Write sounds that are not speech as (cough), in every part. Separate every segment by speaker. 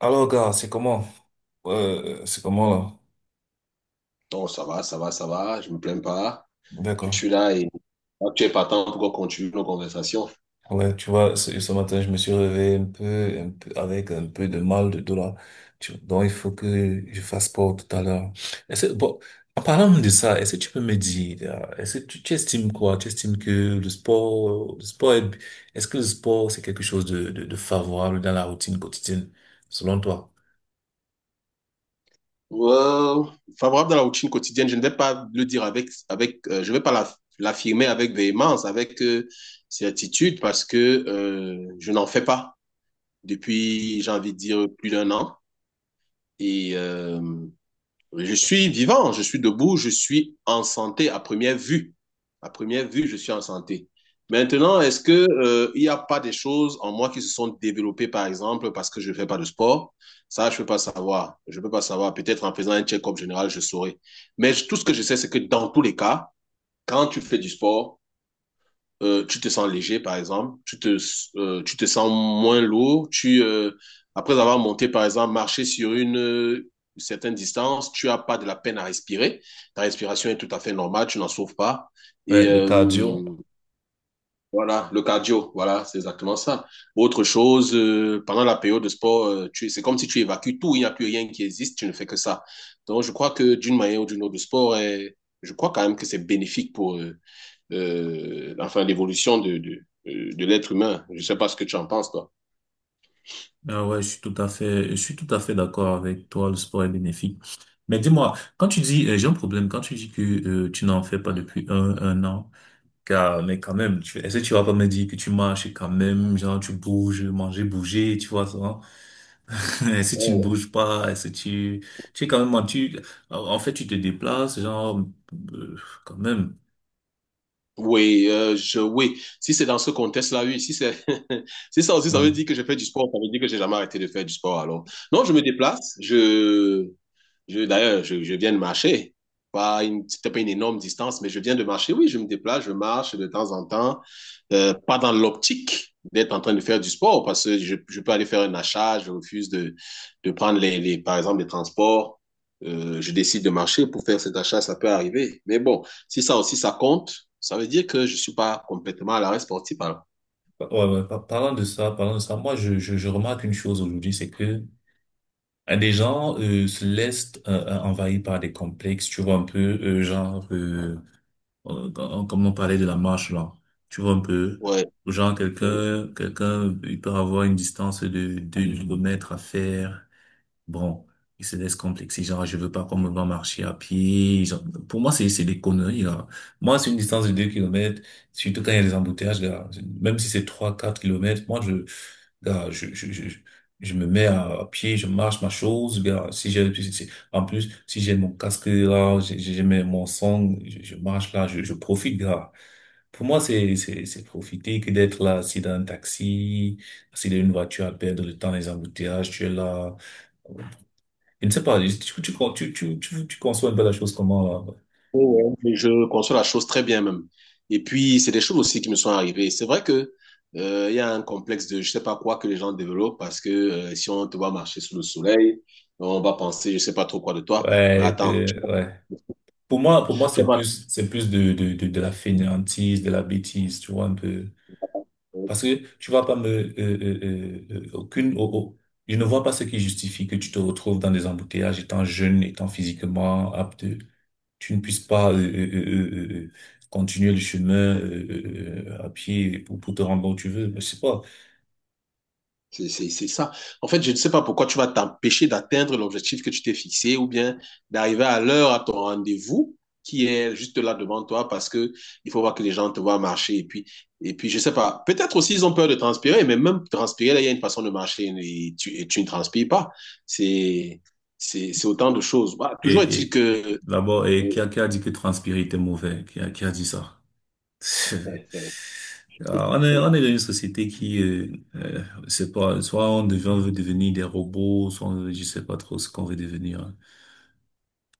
Speaker 1: Alors, gars, c'est comment? C'est comment là?
Speaker 2: Oh, ça va, ça va, ça va, je me plains pas. Je
Speaker 1: D'accord.
Speaker 2: suis là et ah, tu es partant pour qu'on continue nos conversations.
Speaker 1: Ouais, tu vois, ce matin, je me suis réveillé avec un peu de mal de dos là. Donc, il faut que je fasse sport tout à l'heure. Est-ce, bon, En parlant de ça, est-ce que tu peux me dire, là, est-ce que tu estimes quoi? Tu estimes que le sport, le sport est, est-ce que le sport, c'est quelque chose de favorable dans la routine quotidienne, selon toi?
Speaker 2: Euh, Favorable dans la routine quotidienne, je ne vais pas le dire avec je vais pas l'affirmer avec véhémence, avec certitude, parce que je n'en fais pas depuis, j'ai envie de dire, plus d'un an. Et euh, Je suis vivant, je suis debout, je suis en santé à première vue. À première vue, je suis en santé. Maintenant, est-ce que il n'y a pas des choses en moi qui se sont développées, par exemple, parce que je ne fais pas de sport. Ça, je ne peux pas savoir. Je ne peux pas savoir. Peut-être en faisant un check-up général, je saurais. Mais tout ce que je sais, c'est que dans tous les cas, quand tu fais du sport, tu te sens léger, par exemple, tu te sens moins lourd, après avoir monté, par exemple, marché sur une certaine distance, tu n'as pas de la peine à respirer, ta respiration est tout à fait normale, tu n'en souffres pas.
Speaker 1: Ouais,
Speaker 2: Et
Speaker 1: le cardio.
Speaker 2: euh, voilà, le cardio, voilà, c'est exactement ça. Autre chose, pendant la période de sport, tu, c'est comme si tu évacues tout, il n'y a plus rien qui existe, tu ne fais que ça. Donc, je crois que d'une manière ou d'une autre, le sport est, je crois quand même que c'est bénéfique pour, enfin, l'évolution de de l'être humain. Je ne sais pas ce que tu en penses, toi.
Speaker 1: Ah ouais, je suis tout à fait d'accord avec toi, le sport est bénéfique. Mais dis-moi, quand tu dis, j'ai un problème, quand tu dis que tu n'en fais pas depuis un an, car, mais quand même, est-ce que tu vas pas me dire que tu marches et quand même, genre tu bouges, manger, bouger, tu vois ça? (laughs) Est-ce que tu ne
Speaker 2: Oh.
Speaker 1: bouges pas? Est-ce que tu es quand même, en fait, tu te déplaces, genre, euh, quand même.
Speaker 2: Oui, oui. Si c'est dans ce contexte-là, oui. Si c'est, (laughs) si ça aussi, ça veut
Speaker 1: Mhm.
Speaker 2: dire que je fais du sport, ça veut dire que j'ai jamais arrêté de faire du sport. Alors, non, je me déplace. Je d'ailleurs, je viens de marcher. Pas une, c'était pas une énorme distance, mais je viens de marcher. Oui, je me déplace, je marche de temps en temps. Pas dans l'optique d'être en train de faire du sport, parce que je peux aller faire un achat, je refuse de prendre, par exemple, les transports. Je décide de marcher pour faire cet achat, ça peut arriver. Mais bon, si ça aussi, ça compte, ça veut dire que je suis pas complètement à l'arrêt sportif. Alors.
Speaker 1: Ouais, ouais, parlant de ça, moi, je remarque une chose aujourd'hui, c'est que des gens se laissent envahir par des complexes, tu vois un peu, genre, comme on parlait de la marche là, tu vois un peu,
Speaker 2: Ouais,
Speaker 1: genre
Speaker 2: ouais.
Speaker 1: quelqu'un, il peut avoir une distance de 2 km à faire, bon, il se laisse complexer, genre, je veux pas qu'on me voit marcher à pied, genre, pour moi, c'est des conneries, là. Moi, c'est une distance de 2 km, surtout quand il y a des embouteillages, là, même si c'est 3 4 km, gars, je me mets à pied, je marche ma chose. Gars, si j'ai, si- si- en plus, si j'ai mon casque là, mon son, je marche là, je profite, gars. Pour moi, c'est profiter que d'être là, assis dans un taxi, assis dans une voiture à perdre le temps, les embouteillages, tu es là. Je ne sais pas, tu conçois un peu la chose comment là?
Speaker 2: Ouais, ouais, je conçois la chose très bien même. Et puis, c'est des choses aussi qui me sont arrivées. C'est vrai que il y a un complexe de je sais pas quoi que les gens développent parce que si on te voit marcher sous le soleil, on va penser je sais pas trop quoi de toi. Mais
Speaker 1: Ouais,
Speaker 2: attends,
Speaker 1: ouais. Pour moi, pour
Speaker 2: tu
Speaker 1: moi,
Speaker 2: fais pas.
Speaker 1: c'est plus de la fainéantise, de la bêtise, tu vois, un peu. Parce que tu vas pas me, aucune, oh, oh, je ne vois pas ce qui justifie que tu te retrouves dans des embouteillages étant jeune, étant physiquement apte, tu ne puisses pas continuer le chemin à pied pour te rendre bon où tu veux. Mais je sais pas.
Speaker 2: C'est c'est ça. En fait, je ne sais pas pourquoi tu vas t'empêcher d'atteindre l'objectif que tu t'es fixé ou bien d'arriver à l'heure à ton rendez-vous qui est juste là devant toi, parce que il faut voir que les gens te voient marcher, et puis je ne sais pas, peut-être aussi ils ont peur de transpirer, mais même transpirer là, il y a une façon de marcher et et tu ne transpires pas. C'est c'est autant de choses, bah, toujours
Speaker 1: Et,
Speaker 2: est-il
Speaker 1: et
Speaker 2: que
Speaker 1: d'abord, et
Speaker 2: oui.
Speaker 1: qui a dit que transpirer était mauvais? Qui a dit ça? (laughs)
Speaker 2: (laughs)
Speaker 1: Ah, on est dans une société qui, c'est pas, soit on devient, on veut devenir des robots, je sais pas trop ce qu'on veut devenir.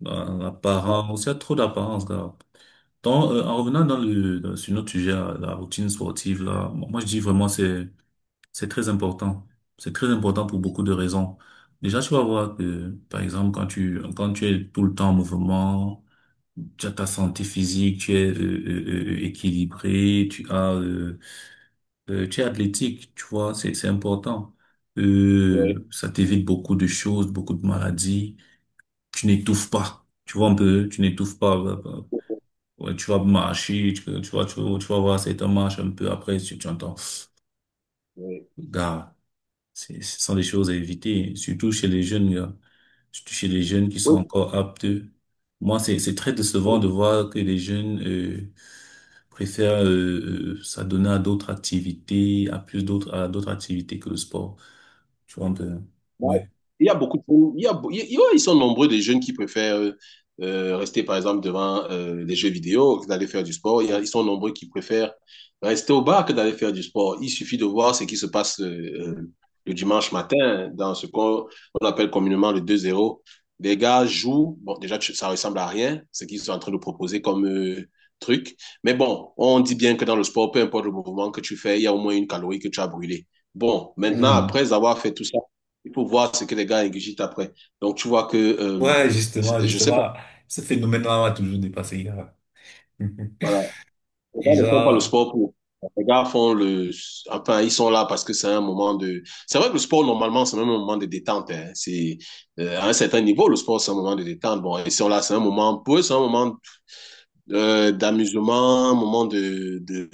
Speaker 1: Dans l'apparence, il y a trop d'apparence là. Donc, en revenant sur notre sujet, là, la routine sportive là, moi, je dis vraiment c'est c'est très important. c'est très important pour beaucoup de raisons. Déjà, tu vas voir que, par exemple, quand tu es tout le temps en mouvement, tu as ta santé physique, tu es équilibré, tu as tu es athlétique, tu vois, c'est important.
Speaker 2: Oui.
Speaker 1: Ça t'évite beaucoup de choses, beaucoup de maladies. Tu n'étouffes pas. Tu vois un peu, tu n'étouffes pas.
Speaker 2: Oui.
Speaker 1: Ouais, tu vas marcher, tu vas voir certains marches un peu après, tu entends. Gars, ce sont des choses à éviter, surtout chez les jeunes, gars. Surtout chez les jeunes qui sont encore aptes. Moi, c'est très décevant
Speaker 2: Oui.
Speaker 1: de voir que les jeunes préfèrent s'adonner à d'autres activités, à d'autres activités que le sport. Tu vois un peu,
Speaker 2: Ouais.
Speaker 1: ouais.
Speaker 2: Il y a beaucoup de... il y ouais, ils sont nombreux des jeunes qui préfèrent rester, par exemple, devant les jeux vidéo que d'aller faire du sport. Ils sont nombreux qui préfèrent rester au bar que d'aller faire du sport. Il suffit de voir ce qui se passe le dimanche matin dans ce qu'on on appelle communément le deux zéro. Les gars jouent, bon, déjà, tu- ça ressemble à rien, ce qu'ils sont en train de proposer comme truc. Mais bon, on dit bien que dans le sport, peu importe le mouvement que tu fais, il y a au moins une calorie que tu as brûlée. Bon, maintenant,
Speaker 1: Mhm.
Speaker 2: après avoir fait tout ça, il faut voir ce que les gars ingurgitent après. Donc, tu vois que,
Speaker 1: Ouais, justement,
Speaker 2: je sais pas,
Speaker 1: justement, ce phénomène-là m'a toujours dépassé, gars. (laughs)
Speaker 2: voilà, les
Speaker 1: Et
Speaker 2: gars ne font pas le
Speaker 1: genre,
Speaker 2: sport pour. Les gars font le. Enfin, ils sont là parce que c'est un moment de. C'est vrai que le sport, normalement, c'est même un moment de détente, hein. C'est, à un certain niveau, le sport, c'est un moment de détente. Bon, ils sont là, c'est un moment. Pour eux, c'est un moment d'amusement, un moment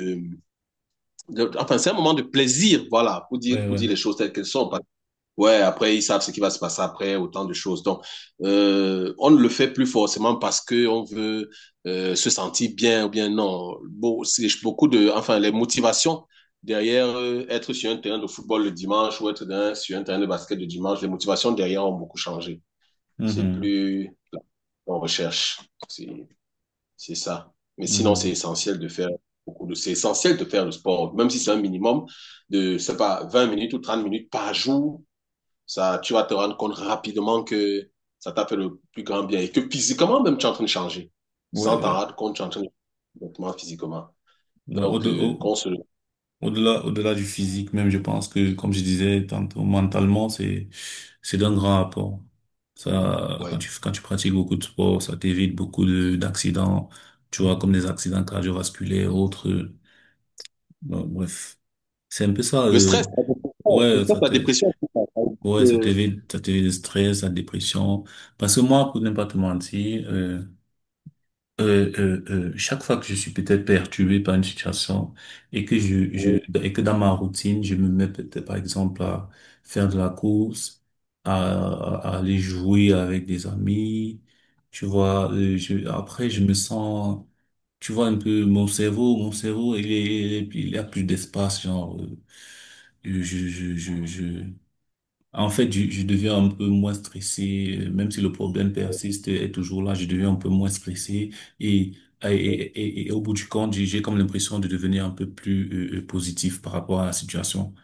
Speaker 2: de- enfin, c'est un moment de plaisir, voilà,
Speaker 1: ouais,
Speaker 2: pour
Speaker 1: ouais.
Speaker 2: dire les choses telles qu'elles sont. Ouais, après, ils savent ce qui va se passer après, autant de choses. Donc, on ne le fait plus forcément parce que on veut se sentir bien ou bien non. Bon, c'est beaucoup de, enfin, les motivations derrière être sur un terrain de football le dimanche ou être dans- sur un terrain de basket le dimanche, les motivations derrière ont beaucoup changé. C'est
Speaker 1: Mhm.
Speaker 2: plus on recherche, c'est c'est ça. Mais sinon, c'est
Speaker 1: Mhm.
Speaker 2: essentiel de faire beaucoup de, c'est essentiel de faire le sport, même si c'est un minimum de, je sais pas, 20 minutes ou 30 minutes par jour. Ça, tu vas te rendre compte rapidement que ça t'a fait le plus grand bien et que physiquement même tu es en train de changer.
Speaker 1: Ouais,
Speaker 2: Sans t'en rendre compte, tu es en train de changer complètement physiquement.
Speaker 1: ouais,
Speaker 2: Donc, qu'on se...
Speaker 1: au-delà du physique, même, je pense que, comme je disais tantôt, mentalement, c'est d'un grand apport. Ça, quand
Speaker 2: ouais.
Speaker 1: tu, quand tu pratiques beaucoup de sport, ça t'évite d'accidents, tu vois, comme des accidents cardiovasculaires, autres. Bon, bref. C'est un peu ça,
Speaker 2: Le stress, la dépression, le
Speaker 1: ouais,
Speaker 2: stress, la dépression, c'est ça.
Speaker 1: ouais, ça
Speaker 2: Euh,
Speaker 1: t'évite, ça t'évite le stress, la dépression. Parce que moi, pour ne pas te mentir, euh, euh, chaque fois que je suis peut-être perturbé par une situation et que je et que dans ma routine, je me mets peut-être par exemple à faire de la course, à, à aller jouer avec des amis, tu vois, après je me sens, tu vois un peu mon cerveau il a plus d'espace, genre je, je, je, je, en fait, je deviens un peu moins stressé, même si le problème persiste, est toujours là, je deviens un peu moins stressé et, et,
Speaker 2: euh,
Speaker 1: et, et- et au bout du compte, j'ai comme l'impression de devenir un peu plus positif par rapport à la situation.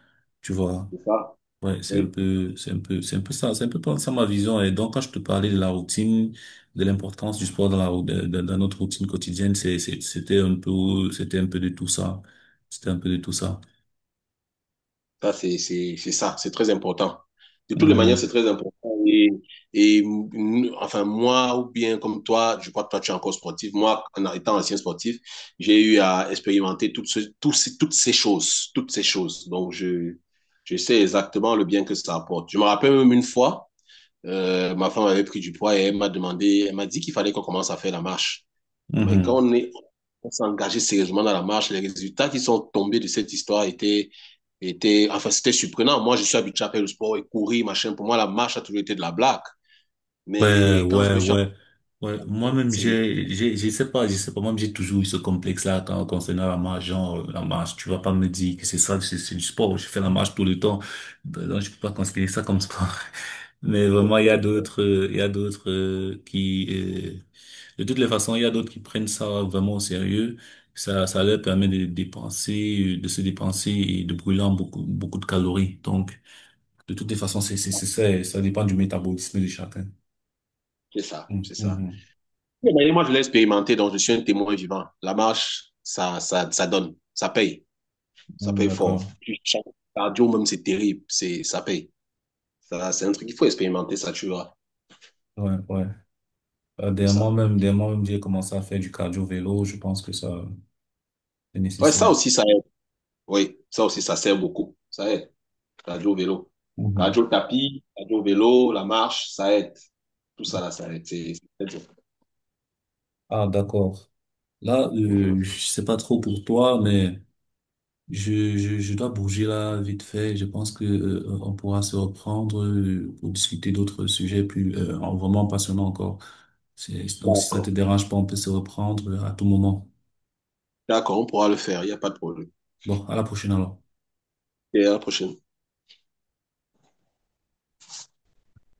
Speaker 1: Tu vois?
Speaker 2: c'est ça.
Speaker 1: Ouais,
Speaker 2: Oui.
Speaker 1: c'est un peu ça, c'est un peu pas ça ma vision. Et donc, quand je te parlais de la routine, de l'importance du sport dans la, rou- dans, dans- dans notre routine quotidienne, c'était un peu de tout ça. C'était un peu de tout ça.
Speaker 2: Ça, c'est c'est ça, c'est très important. De toutes les manières,
Speaker 1: Mhm.
Speaker 2: c'est très important. Et, et enfin, moi, ou bien comme toi, je crois que toi, tu es encore sportif. Moi, en étant ancien sportif, j'ai eu à expérimenter toutes, tous toutes ces choses, toutes ces choses. Donc, je sais exactement le bien que ça apporte. Je me rappelle même une fois, ma femme avait pris du poids et elle m'a demandé, elle m'a dit qu'il fallait qu'on commence à faire la marche. Mais
Speaker 1: Mhm.
Speaker 2: on s'est engagé sérieusement dans la marche, les résultats qui sont tombés de cette histoire étaient, étaient, enfin, c'était surprenant. Moi, je suis habitué à faire le sport et courir, machin. Pour moi, la marche a toujours été de la blague. Mais
Speaker 1: Ouais,
Speaker 2: quand je
Speaker 1: ouais,
Speaker 2: me suis
Speaker 1: ouais. Ouais,
Speaker 2: engagé
Speaker 1: moi-même,
Speaker 2: sérieusement,
Speaker 1: je sais pas, moi-même, j'ai toujours eu ce complexe-là concernant la marche, genre, la marche, tu vas pas me dire que c'est ça, c'est du sport, je fais la marche tout le temps, donc je peux pas considérer ça comme sport. (laughs) Mais vraiment, il y a d'autres, il y a d'autres de toutes les façons, il y a d'autres qui prennent ça vraiment au sérieux, ça leur permet de dépenser, de se dépenser et de brûler en beaucoup, beaucoup de calories. Donc, de toutes les façons, c'est ça, et ça dépend du métabolisme de chacun.
Speaker 2: c'est ça, c'est ça.
Speaker 1: Mhm.
Speaker 2: Et d'ailleurs, moi, je l'ai expérimenté, donc je suis un témoin vivant. La marche, ça donne, ça
Speaker 1: Mm,
Speaker 2: paye fort.
Speaker 1: d'accord.
Speaker 2: Cardio, même, c'est terrible, c'est, ça paye. Ça, c'est un truc qu'il faut expérimenter, ça tu verras.
Speaker 1: Ouais, ouais.
Speaker 2: Comme
Speaker 1: Dernièrement
Speaker 2: ça.
Speaker 1: même, j'ai commencé à faire du cardio-vélo. Je pense que ça, c'est
Speaker 2: Ouais, ça
Speaker 1: nécessaire.
Speaker 2: aussi, ça aide. Oui, ça aussi, ça sert beaucoup. Ça aide. Cardio, vélo.
Speaker 1: Mhm.
Speaker 2: Cardio, le tapis, cardio, vélo, la marche, ça aide. Tout ça, là, ça aide. C'est très bien.
Speaker 1: Ah, d'accord. Là,
Speaker 2: Mhm.
Speaker 1: je sais pas trop pour toi, mais je dois bouger là vite fait. Je pense que, on pourra se reprendre pour discuter d'autres sujets plus, vraiment passionnants encore. Donc, si ça
Speaker 2: D'accord.
Speaker 1: te dérange pas, on peut se reprendre à tout moment.
Speaker 2: D'accord, on pourra le faire. Il n'y a pas de problème.
Speaker 1: Bon, à la prochaine alors.
Speaker 2: Et à la prochaine.